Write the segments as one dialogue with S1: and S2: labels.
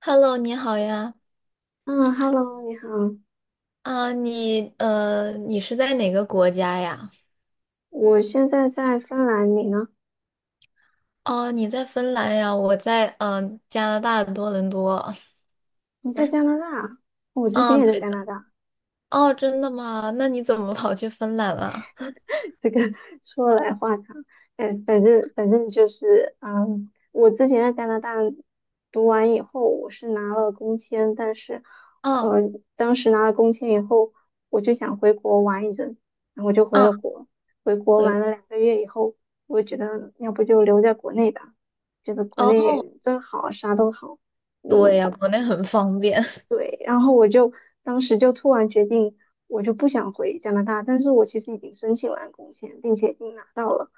S1: Hello，你好呀。
S2: 嗯，Hello，你好，
S1: 啊，你是在哪个国家呀？
S2: 我现在在芬兰，你呢？
S1: 哦，你在芬兰呀，我在加拿大的多伦多。
S2: 你在加拿大啊？我之前
S1: 嗯，
S2: 也在
S1: 对
S2: 加
S1: 的。
S2: 拿大，
S1: 哦，真的吗？那你怎么跑去芬兰了？
S2: 这个说来话长。反正就是，我之前在加拿大读完以后，我是拿了工签，但是，
S1: 嗯
S2: 呃，当时拿了工签以后，我就想回国玩一阵，然后我就回
S1: 嗯，
S2: 了国。回国
S1: 回
S2: 玩了2个月以后，我觉得要不就留在国内吧，觉得国
S1: 哦，
S2: 内真好，啥都好。
S1: 对
S2: 嗯，
S1: 呀，国内很方便。
S2: 对，然后我就当时就突然决定，我就不想回加拿大，但是我其实已经申请完工签，并且已经拿到了，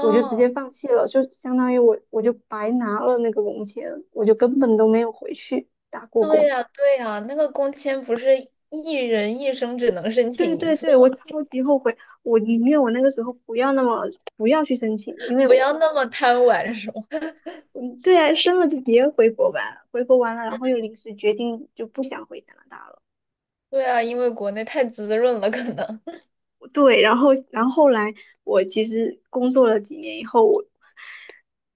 S2: 我就直接放弃了，就相当于我就白拿了那个工签，我就根本都没有回去打过
S1: 对
S2: 工。
S1: 呀，对呀，那个工签不是一人一生只能申
S2: 对
S1: 请一
S2: 对
S1: 次
S2: 对，我
S1: 吗？
S2: 超级后悔，我宁愿我那个时候不要那么不要去申请，因为
S1: 不要
S2: 我
S1: 那么贪玩，是吗？
S2: 嗯对啊，生了就别回国吧，回国完了，然后又临时决定就不想回加拿大了。
S1: 对啊，因为国内太滋润了，可能。
S2: 对，然后后来我其实工作了几年以后，我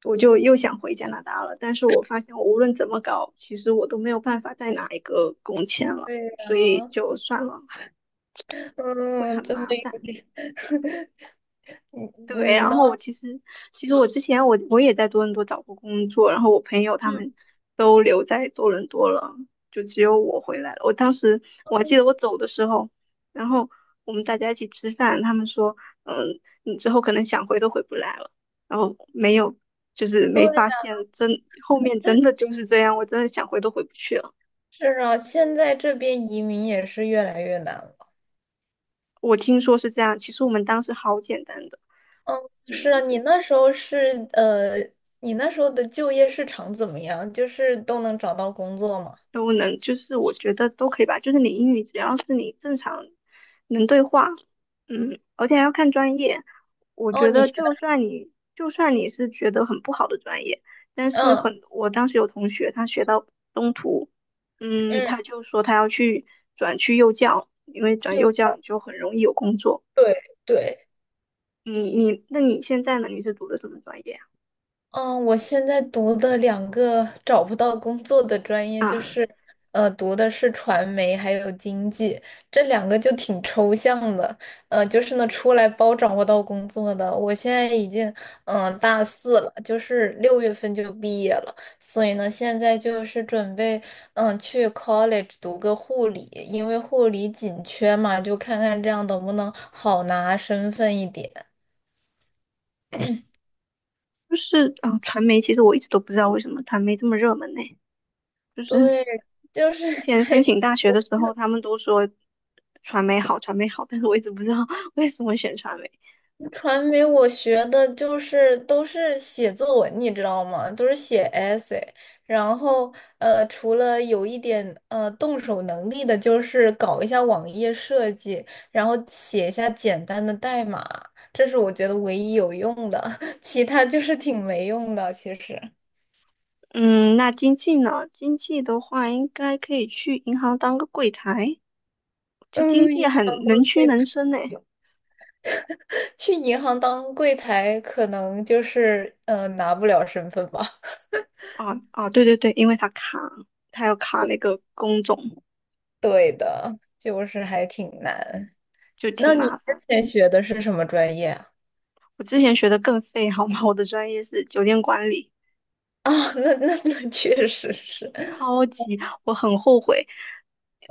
S2: 我就又想回加拿大了，但是我发现我无论怎么搞，其实我都没有办法再拿一个工签了，
S1: 对
S2: 所以
S1: 呀，
S2: 就算了，会
S1: 嗯，
S2: 很
S1: 真
S2: 麻
S1: 的有
S2: 烦。
S1: 点，嗯
S2: 对，
S1: 嗯
S2: 然
S1: 呢，
S2: 后我其实我之前我也在多伦多找过工作，然后我朋友他
S1: 嗯，
S2: 们都留在多伦多了，就只有我回来了。我当时我还记得我走的时候，然后我们大家一起吃饭，他们说，你之后可能想回都回不来了。然后没有，就是
S1: 对
S2: 没发
S1: 呀。
S2: 现真后面真的就是这样，我真的想回都回不去了。
S1: 是啊，现在这边移民也是越来越难了。
S2: 我听说是这样，其实我们当时好简单的。
S1: 是啊，你那时候的就业市场怎么样？就是都能找到工作吗？
S2: 都能，就是我觉得都可以吧。就是你英语只要是你正常能对话，而且还要看专业。我
S1: 哦，
S2: 觉得就算你是觉得很不好的专业，但是
S1: 嗯
S2: 很，我当时有同学他学到中途，
S1: 嗯，
S2: 他就说他要去转去幼教，因为转
S1: 幼
S2: 幼教你
S1: 教，
S2: 就很容易有工作。
S1: 对对，
S2: 那你现在呢？你是读的什么专业
S1: 嗯，我现在读的两个找不到工作的专业，
S2: 啊？
S1: 就
S2: 啊，
S1: 是，读的是传媒还有经济，这两个就挺抽象的。就是呢，出来包找不到工作的。我现在已经，大四了，就是六月份就毕业了，所以呢，现在就是准备，去 college 读个护理，因为护理紧缺嘛，就看看这样能不能好拿身份一点。
S2: 就是啊，传媒其实我一直都不知道为什么传媒这么热门呢，就是。
S1: 对，就是
S2: 之 前申请大学的时候，他们都说传媒好，传媒好，但是我一直不知道 为什么选传媒。
S1: 传媒我学的就是都是写作文，你知道吗？都是写 essay。然后除了有一点动手能力的，就是搞一下网页设计，然后写一下简单的代码，这是我觉得唯一有用的，其他就是挺没用的，其实。
S2: 嗯，那经济呢？经济的话，应该可以去银行当个柜台，就经
S1: 嗯，
S2: 济
S1: 银
S2: 很
S1: 行当
S2: 能屈能伸呢。
S1: 去银行当柜台，可能就是拿不了身份吧。
S2: 啊啊，对对对，因为他卡，他要卡那个工种，
S1: 对的，就是还挺难。
S2: 就
S1: 那
S2: 挺
S1: 你
S2: 麻
S1: 之
S2: 烦。
S1: 前学的是什么专业啊？
S2: 我之前学的更废，好吗？我的专业是酒店管理。
S1: 哦，那确实是，
S2: 超级，我很后悔，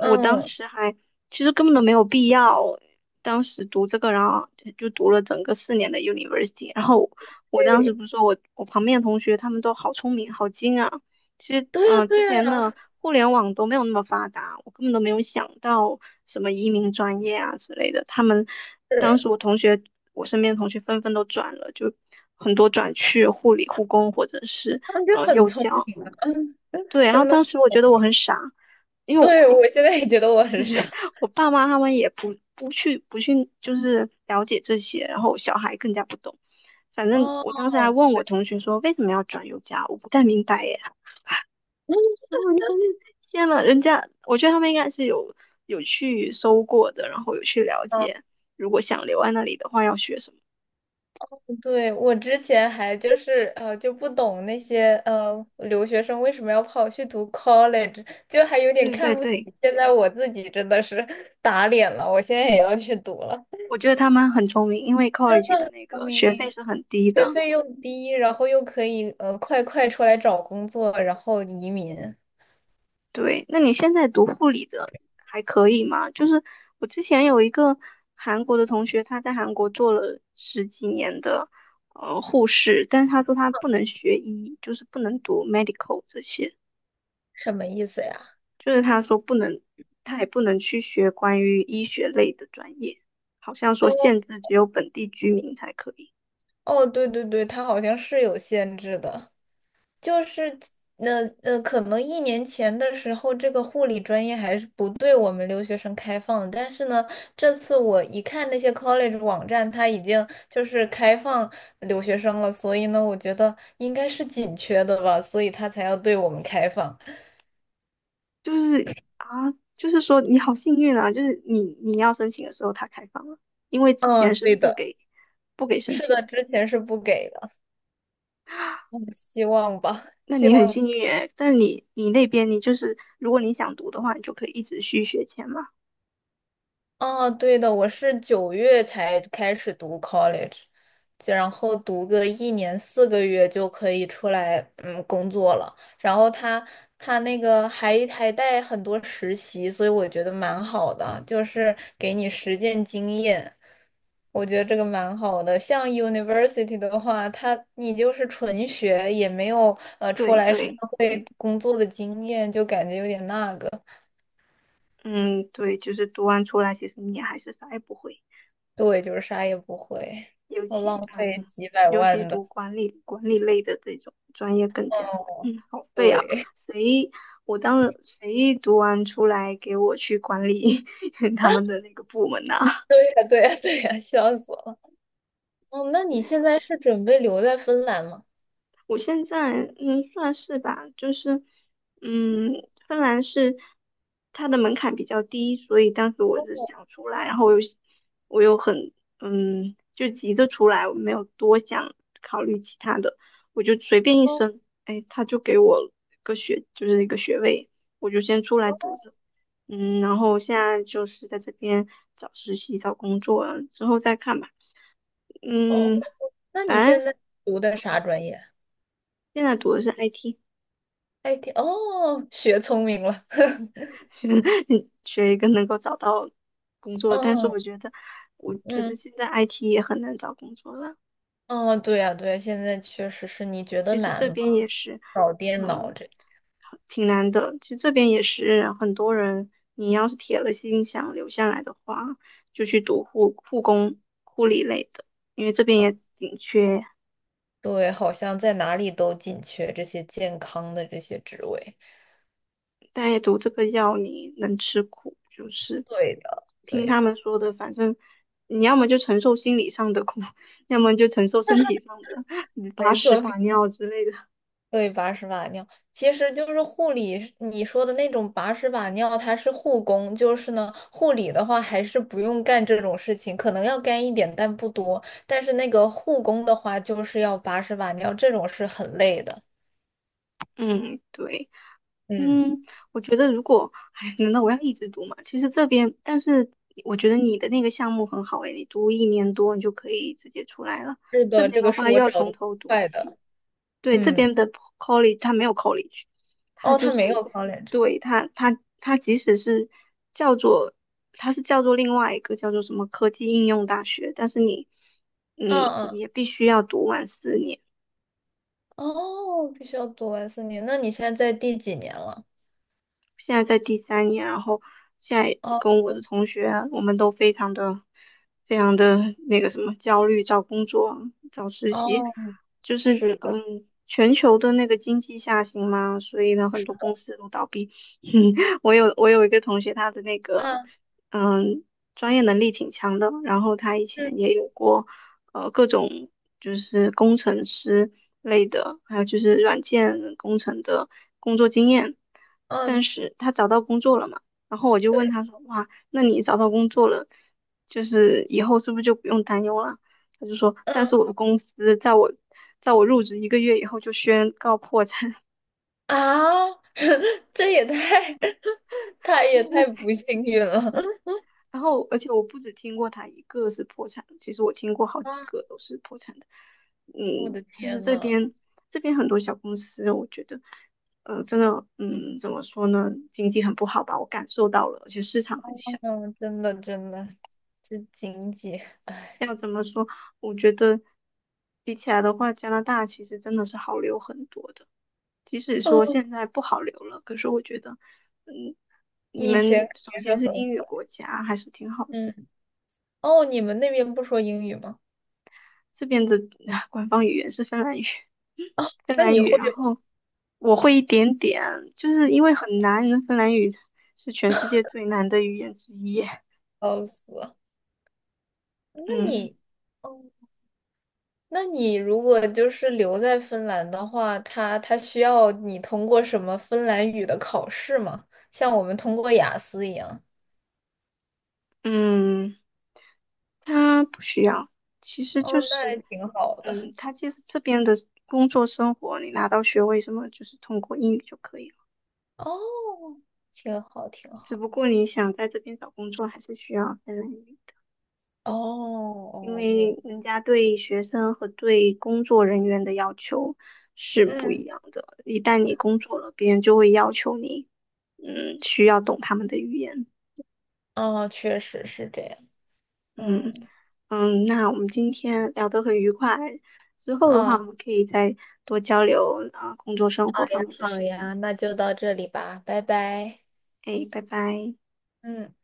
S2: 我当时还其实根本都没有必要，当时读这个，然后就读了整个四年的 university，然后我当时
S1: 对，
S2: 不是说我旁边的同学他们都好聪明好精啊，其实
S1: 对呀，
S2: 之
S1: 对
S2: 前的
S1: 呀，
S2: 互联网都没有那么发达，我根本都没有想到什么移民专业啊之类的，他们当
S1: 是，
S2: 时我同学我身边的同学纷纷都转了，就很多转去护理护工或者是
S1: 他们就很
S2: 幼
S1: 聪
S2: 教。
S1: 明啊，嗯，
S2: 对，然后
S1: 真的，
S2: 当时我觉得我很傻，因为我
S1: 对，我现在也觉得我很傻。
S2: 我爸妈他们也不去就是了解这些，然后我小孩更加不懂。反正
S1: 哦，
S2: 我当时还问我同学说为什么要转幼教，我不太明白耶。然后你发现天呐，人家我觉得他们应该是有去搜过的，然后有去了
S1: 哦，
S2: 解，如果想留在那里的话要学什么。
S1: 对，我之前还就是就不懂那些留学生为什么要跑去读 college，就还有点
S2: 对对
S1: 看不起。
S2: 对，
S1: 现在我自己真的是 打脸了，我现在也要去读了，
S2: 我觉得他们很聪明，因为 college 的那
S1: 聪
S2: 个学费
S1: 明。
S2: 是很低
S1: 学
S2: 的。
S1: 费又低，然后又可以快快出来找工作，然后移民，
S2: 对，那你现在读护理的还可以吗？就是我之前有一个韩国的同学，他在韩国做了十几年的护士，但是他说他不能学医，就是不能读 medical 这些，
S1: 什么意思呀？
S2: 就是他说不能，他还不能去学关于医学类的专业，好像说
S1: 哦
S2: 限制只有本地居民才可以。
S1: 哦，对对对，它好像是有限制的，就是可能一年前的时候，这个护理专业还是不对我们留学生开放的，但是呢，这次我一看那些 college 网站，它已经就是开放留学生了，所以呢，我觉得应该是紧缺的吧，所以它才要对我们开放。
S2: 就是啊，就是说你好幸运啊，就是你要申请的时候他开放了，因为之前
S1: 嗯，
S2: 是
S1: 对
S2: 不
S1: 的，
S2: 给申
S1: 是
S2: 请。
S1: 的，
S2: 的。
S1: 之前是不给的。嗯希望吧，
S2: 那
S1: 希
S2: 你很
S1: 望。
S2: 幸运诶，但你那边你就是，如果你想读的话，你就可以一直续学签嘛。
S1: 啊，对的，我是九月才开始读 college，然后读个一年四个月就可以出来，工作了。然后他那个还带很多实习，所以我觉得蛮好的，就是给你实践经验。我觉得这个蛮好的。像 university 的话，他你就是纯学，也没有出
S2: 对
S1: 来社
S2: 对，
S1: 会工作的经验，就感觉有点那个。
S2: 嗯，对，就是读完出来，其实你还是啥也不会，
S1: 对，就是啥也不会，
S2: 尤
S1: 我
S2: 其
S1: 浪费
S2: 嗯，
S1: 几百
S2: 尤其
S1: 万的，
S2: 读管理类的这种专业更加，好废啊！
S1: 对。
S2: 谁我当谁读完出来给我去管理 他们 的那个部门呐、
S1: 对呀，对呀，对呀，笑死我了。哦，那 你
S2: 对
S1: 现
S2: 啊
S1: 在是准备留在芬兰吗？
S2: 我现在算是吧，就是嗯，芬兰是它的门槛比较低，所以当时我是想出来，然后我又很就急着出来，我没有多想考虑其他的，我就随便一
S1: 哦，
S2: 申，哎，他就给我就是一个学位，我就先出来读着，然后现在就是在这边找实习找工作，之后再看吧，
S1: 哦
S2: 嗯，
S1: 那你
S2: 反正
S1: 现在读的啥专业
S2: 现在读的是 IT。
S1: ？IT 哦，学聪明了。
S2: 学 学一个能够找到工作，但是
S1: 嗯
S2: 我觉得，
S1: 嗯，
S2: 现在 IT 也很难找工作了。
S1: 哦，对呀，对呀，现在确实是。你觉得
S2: 其实
S1: 难
S2: 这
S1: 吗？
S2: 边也是，
S1: 搞电脑
S2: 嗯，
S1: 这，
S2: 挺难的。其实这边也是很多人，你要是铁了心想留下来的话，就去读护工、护理类的，因为这边也紧缺
S1: 对，好像在哪里都紧缺这些健康的这些职位。
S2: 但也毒这个药你能吃苦，就是
S1: 对的，对
S2: 听他们
S1: 的，
S2: 说的，反正你要么就承受心理上的苦，要么就承受身体上的，你把
S1: 没
S2: 屎
S1: 错。
S2: 把尿之类的。
S1: 对，把屎把尿，其实就是护理是你说的那种把屎把尿，它是护工，就是呢，护理的话还是不用干这种事情，可能要干一点，但不多。但是那个护工的话，就是要把屎把尿，这种是很累的。
S2: 嗯，对，
S1: 嗯，
S2: 嗯，我觉得如果，哎，难道我要一直读吗？其实这边，但是我觉得你的那个项目很好诶，你读1年多，你就可以直接出来了。
S1: 是
S2: 这
S1: 的，
S2: 边
S1: 这个
S2: 的
S1: 是
S2: 话
S1: 我
S2: 又要
S1: 找
S2: 从
S1: 的
S2: 头
S1: 最
S2: 读
S1: 快的。
S2: 起。对，这
S1: 嗯，
S2: 边的 college 它没有 college，它
S1: 哦，
S2: 就
S1: 他没有
S2: 是
S1: college。
S2: 对它即使是叫做它是叫做另外一个叫做什么科技应用大学，但是你
S1: 嗯嗯，
S2: 也必须要读完四年。
S1: 哦，必须要读完四年。那你现在在第几年了？
S2: 现在在第3年，然后现在
S1: 哦
S2: 跟我的同学，我们都非常的、非常的那个什么焦虑，找工作、找实习，
S1: 哦，
S2: 就是
S1: 是的。
S2: 全球的那个经济下行嘛，所以呢，很多公司都倒闭。嗯，我有一个同学，他的那个
S1: 嗯
S2: 嗯专业能力挺强的，然后他以
S1: 嗯
S2: 前也有过。各种就是工程师类的，还有就是软件工程的工作经验。
S1: 嗯，
S2: 但是他找到工作了嘛，然后我就问
S1: 对。
S2: 他说，哇，那你找到工作了，就是以后是不是就不用担忧了？他就说，但是
S1: 嗯。
S2: 我的公司在我入职1个月以后就宣告破产。
S1: 啊，这也太 他也太 不幸运了
S2: 然后，而且我不止听过他一个是破产的，其实我听过好
S1: 啊，
S2: 几 个都是破产的。
S1: 我的
S2: 就是
S1: 天呐，
S2: 这边很多小公司，我觉得，真的，怎么说呢，经济很不好吧，我感受到了，而且市场很小。
S1: 嗯，真的真的，这经济，哎，
S2: 要怎么说？我觉得比起来的话，加拿大其实真的是好留很多的。即使说
S1: 哦，
S2: 现在不好留了，可是我觉得，嗯，你
S1: 以前
S2: 们
S1: 肯
S2: 首
S1: 定是
S2: 先是英
S1: 很
S2: 语
S1: 好。
S2: 国家，还是挺好的。
S1: 嗯，哦，你们那边不说英语吗？
S2: 这边的 官方语言是芬兰语。芬
S1: 那
S2: 兰
S1: 你
S2: 语，
S1: 会吗？
S2: 然后我会一点点，就是因为很难，芬兰语是全世界最难的语言之一。
S1: 笑死。那
S2: 嗯
S1: 你，哦，那你如果就是留在芬兰的话，他需要你通过什么芬兰语的考试吗？像我们通过雅思一样。
S2: 嗯，它不需要，其实就
S1: 哦，那还
S2: 是，
S1: 挺好的。
S2: 他其实这边的工作生活，你拿到学位什么，就是通过英语就可以了。
S1: 哦，挺好，挺
S2: 只
S1: 好。
S2: 不过你想在这边找工作，还是需要芬兰语。
S1: 哦
S2: 因
S1: 哦，
S2: 为人家对学生和对工作人员的要求是不一
S1: 嗯，
S2: 样的。一旦你工作了，别人就会要求你，需要懂他们的语言。
S1: 哦，确实是这样。
S2: 嗯
S1: 嗯，
S2: 嗯，那我们今天聊得很愉快，之后的话
S1: 哦，
S2: 我
S1: 好
S2: 们可以再多交流啊，工作生活方
S1: 呀，
S2: 面的
S1: 好
S2: 事情。
S1: 呀，那就到这里吧，拜拜。
S2: 哎，拜拜。
S1: 嗯。